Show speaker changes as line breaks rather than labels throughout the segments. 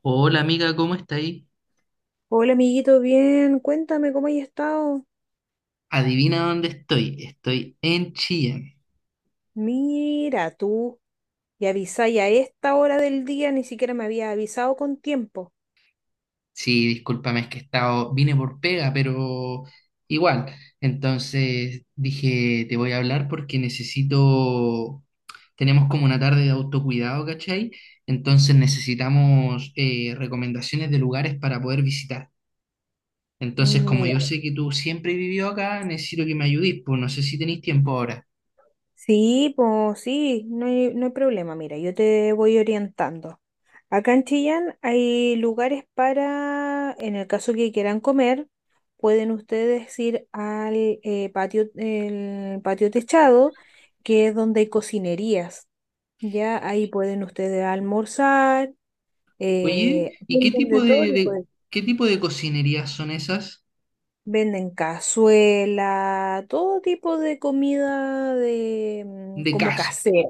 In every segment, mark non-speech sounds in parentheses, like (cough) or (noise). Hola amiga, ¿cómo está ahí?
Hola amiguito, bien, cuéntame cómo has estado.
Adivina dónde estoy. Estoy en Chillán.
Mira, tú y avisáis a esta hora del día, ni siquiera me había avisado con tiempo.
Sí, discúlpame, es que he estado, vine por pega, pero igual. Entonces dije, te voy a hablar porque necesito, tenemos como una tarde de autocuidado, ¿cachai? Entonces necesitamos recomendaciones de lugares para poder visitar. Entonces, como yo
Mira,
sé que tú siempre vivió acá, necesito que me ayudís, pues no sé si tenéis tiempo ahora.
sí, pues sí, no hay problema, mira, yo te voy orientando. Acá en Chillán hay lugares para, en el caso que quieran comer, pueden ustedes ir al patio, el patio techado, que es donde hay cocinerías. Ya ahí pueden ustedes almorzar
Oye, ¿y qué
venden de
tipo
todo tipo de-
qué tipo de cocinerías son esas?
venden cazuela, todo tipo de comida de
De
como
casa,
casera,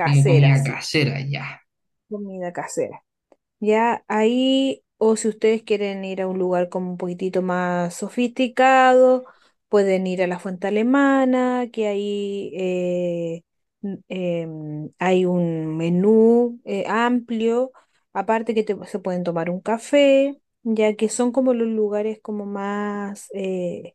como comida
sí,
casera, ya.
comida casera. Ya ahí, o si ustedes quieren ir a un lugar como un poquitito más sofisticado, pueden ir a la Fuente Alemana, que ahí hay un menú amplio, aparte que te- se pueden tomar un café, ya que son como los lugares como más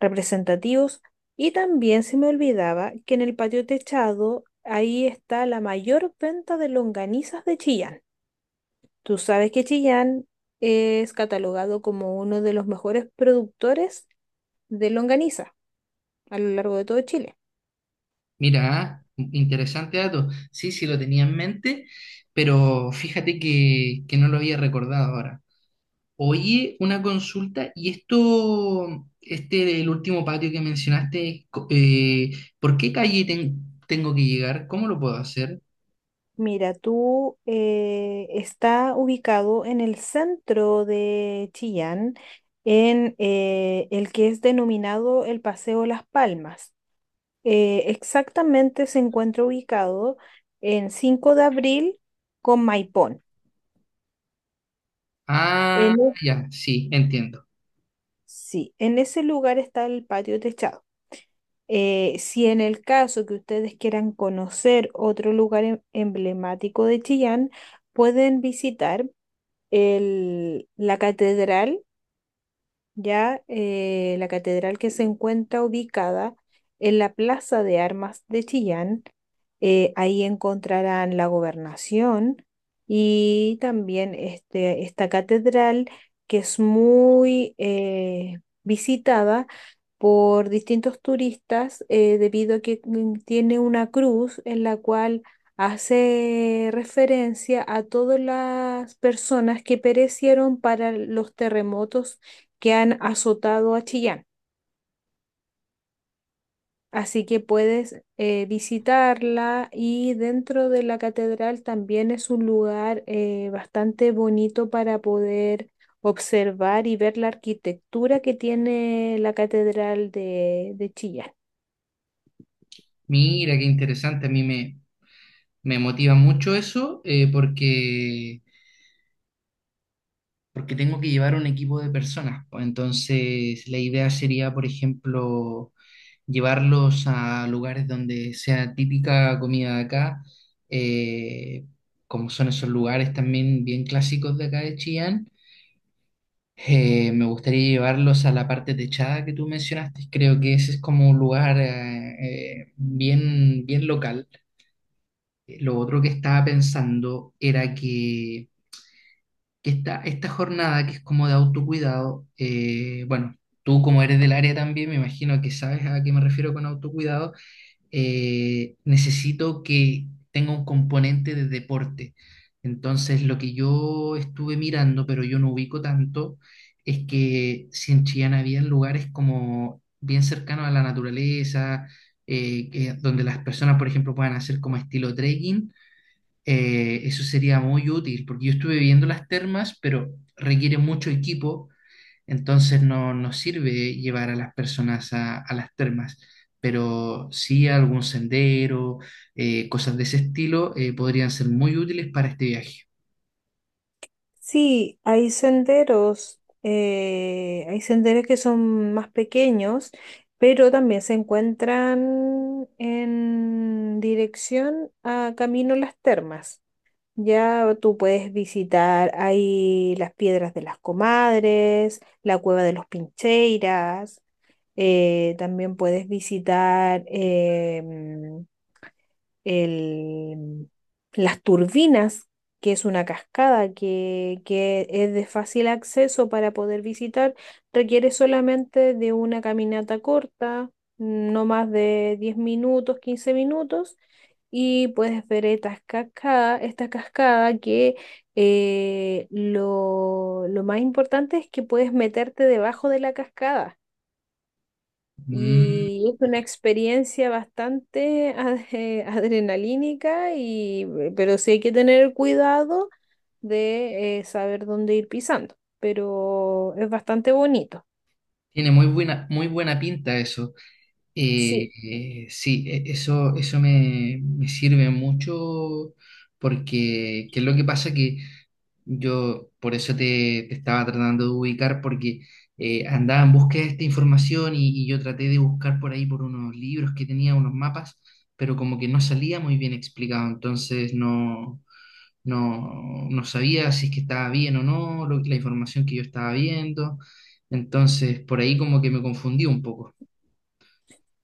representativos. Y también se me olvidaba que en el patio techado, ahí está la mayor venta de longanizas de Chillán. Tú sabes que Chillán es catalogado como uno de los mejores productores de longaniza a lo largo de todo Chile.
Mira, ¿eh? Interesante dato. Sí, sí lo tenía en mente, pero fíjate que no lo había recordado ahora. Oye, una consulta, y esto, este, el último patio que mencionaste, ¿por qué calle tengo que llegar? ¿Cómo lo puedo hacer?
Mira, tú está ubicado en el centro de Chillán, en el que es denominado el Paseo Las Palmas. Exactamente se encuentra ubicado en Cinco de Abril con Maipón.
Ah,
En, e,
ya, sí, entiendo.
sí, en ese lugar está el patio techado. Si en el caso que ustedes quieran conocer otro lugar emblemático de Chillán, pueden visitar la catedral, ya la catedral que se encuentra ubicada en la Plaza de Armas de Chillán, ahí encontrarán la gobernación y también esta catedral que es muy visitada por distintos turistas debido a que tiene una cruz en la cual hace referencia a todas las personas que perecieron para los terremotos que han azotado a Chillán. Así que puedes visitarla, y dentro de la catedral también es un lugar bastante bonito para poder observar y ver la arquitectura que tiene la catedral de Chillán.
Mira, qué interesante, me motiva mucho eso, porque tengo que llevar un equipo de personas, pues. Entonces, la idea sería, por ejemplo, llevarlos a lugares donde sea típica comida de acá, eh, como son esos lugares también bien clásicos de acá de Chillán. Me gustaría llevarlos a la parte techada que tú mencionaste. Creo que ese es como un lugar bien, bien local. Lo otro que estaba pensando era que esta jornada que es como de autocuidado, bueno, tú como eres del área también, me imagino que sabes a qué me refiero con autocuidado, necesito que tenga un componente de deporte. Entonces, lo que yo estuve mirando, pero yo no ubico tanto, es que si en Chillán había lugares como bien cercanos a la naturaleza, donde las personas, por ejemplo, puedan hacer como estilo trekking, eso sería muy útil, porque yo estuve viendo las termas, pero requiere mucho equipo, entonces no nos sirve llevar a las personas a las termas, pero sí algún sendero, cosas de ese estilo, podrían ser muy útiles para este viaje.
Sí, hay senderos que son más pequeños, pero también se encuentran en dirección a Camino Las Termas. Ya tú puedes visitar ahí las piedras de las comadres, la cueva de los Pincheiras, también puedes visitar el- las turbinas, que es una cascada que es de fácil acceso para poder visitar, requiere solamente de una caminata corta, no más de 10 minutos, 15 minutos, y puedes ver esta cascada que lo más importante es que puedes meterte debajo de la cascada.
Mm,
Y es una experiencia bastante (laughs) adrenalínica, y, pero sí hay que tener cuidado de saber dónde ir pisando, pero es bastante bonito.
tiene muy buena pinta eso.
Sí.
Sí, eso, me sirve mucho porque, ¿qué es lo que pasa? Que yo por eso te estaba tratando de ubicar porque andaba en búsqueda de esta información y yo traté de buscar por ahí por unos libros que tenía, unos mapas, pero como que no salía muy bien explicado, entonces no sabía si es que estaba bien o no, la información que yo estaba viendo, entonces por ahí como que me confundí un poco.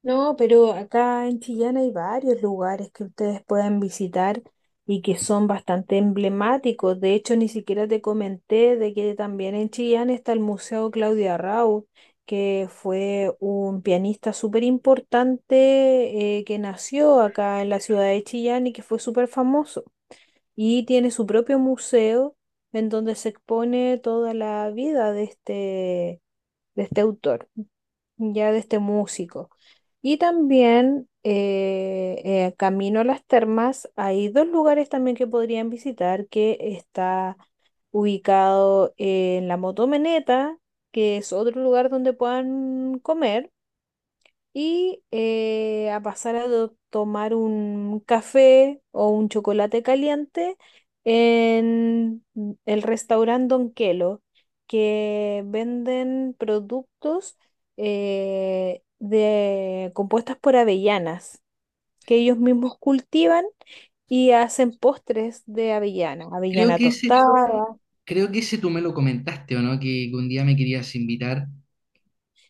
No, pero acá en Chillán hay varios lugares que ustedes pueden visitar y que son bastante emblemáticos. De hecho, ni siquiera te comenté de que también en Chillán está el Museo Claudia Raúl, que fue un pianista súper importante que nació acá en la ciudad de Chillán y que fue súper famoso. Y tiene su propio museo en donde se expone toda la vida de este autor ya de este músico. Y también camino a las termas, hay 2 lugares también que podrían visitar, que está ubicado en la Motomeneta, que es otro lugar donde puedan comer y a pasar a tomar un café o un chocolate caliente en el restaurante Don Quelo, que venden productos compuestas por avellanas, que ellos mismos cultivan y hacen postres de avellana,
Creo
avellana
que ese
tostada,
Creo que ese tú me lo comentaste, ¿o no? Que un día me querías invitar.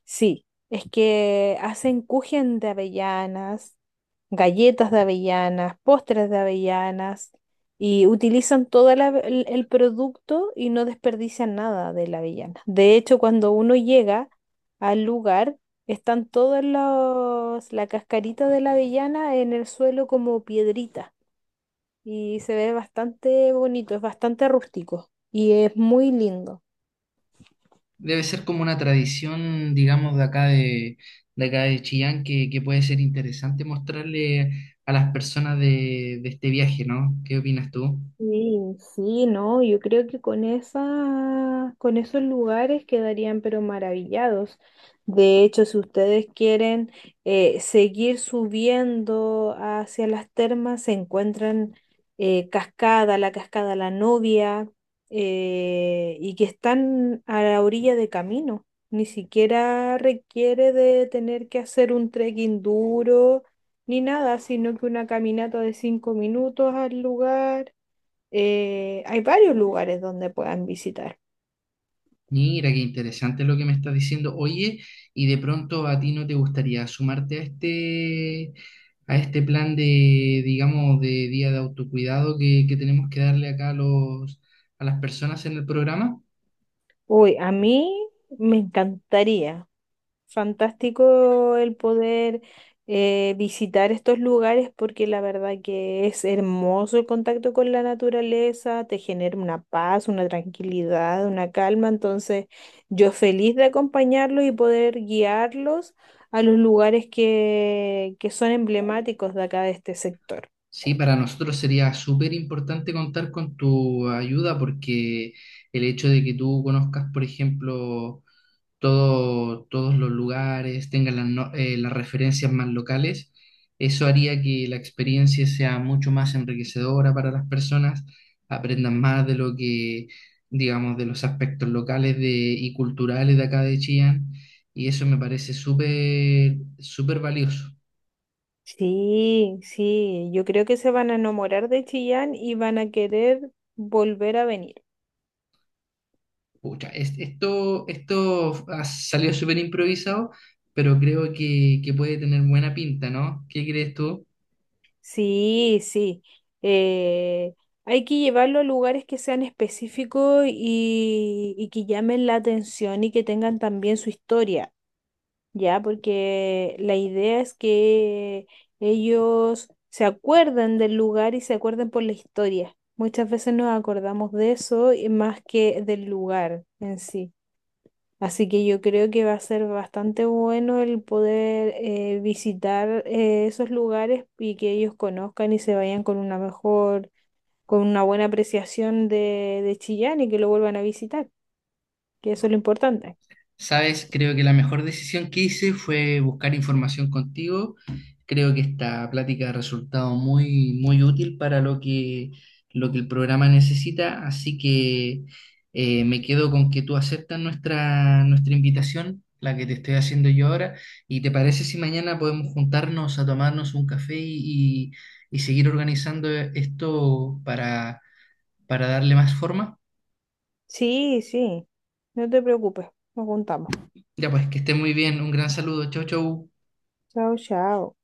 sí. Es que hacen kuchen de avellanas, galletas de avellanas, postres de avellanas y utilizan todo el producto y no desperdician nada de la avellana. De hecho, cuando uno llega al lugar, están todos la cascarita de la avellana en el suelo como piedrita y se ve bastante bonito, es bastante rústico y es muy lindo.
Debe ser como una tradición, digamos, de acá de Chillán, que puede ser interesante mostrarle a las personas de este viaje, ¿no? ¿Qué opinas tú?
Sí, sí, no, yo creo que con esos lugares quedarían pero maravillados. De hecho, si ustedes quieren seguir subiendo hacia las termas, se encuentran la Cascada La Novia, y que están a la orilla de camino. Ni siquiera requiere de tener que hacer un trekking duro ni nada, sino que una caminata de 5 minutos al lugar, hay varios lugares donde puedan visitar.
Mira, qué interesante lo que me estás diciendo. Oye, y de pronto a ti no te gustaría sumarte a este plan de, digamos, de día de autocuidado que tenemos que darle acá a los, a las personas en el programa.
Uy, a mí me encantaría. Fantástico el poder visitar estos lugares porque la verdad que es hermoso el contacto con la naturaleza, te genera una paz, una tranquilidad, una calma. Entonces, yo feliz de acompañarlos y poder guiarlos a los lugares que son emblemáticos de acá de este sector.
Sí, para nosotros sería súper importante contar con tu ayuda porque el hecho de que tú conozcas, por ejemplo, todos los lugares, tengas las, las referencias más locales, eso haría que la experiencia sea mucho más enriquecedora para las personas, aprendan más de lo que, digamos, de los aspectos locales y culturales de acá de Chillán, y eso me parece súper, súper valioso.
Sí, sí, yo creo que se van a enamorar de Chillán y van a querer volver a venir.
Pucha, esto, esto ha salido súper improvisado, pero creo que puede tener buena pinta, ¿no? ¿Qué crees tú?
Sí, sí. eh, Hay que llevarlo a lugares que sean específicos y que llamen la atención y que tengan también su historia, ¿ya? Porque la idea es que ellos se acuerden del lugar y se acuerden por la historia. Muchas veces nos acordamos de eso y más que del lugar en sí. Así que yo creo que va a ser bastante bueno el poder visitar esos lugares y que ellos conozcan y se vayan con una con una buena apreciación de Chillán y que lo vuelvan a visitar, que eso es lo importante.
Sabes, creo que la mejor decisión que hice fue buscar información contigo. Creo que esta plática ha resultado muy, muy útil para lo que el programa necesita, así que me quedo con que tú aceptas nuestra, nuestra invitación, la que te estoy haciendo yo ahora, y te parece si mañana podemos juntarnos a tomarnos un café y seguir organizando esto para darle más forma.
Sí, sí, no te preocupes, nos juntamos.
Ya pues, que esté muy bien, un gran saludo, chau, chau.
Chao, chao.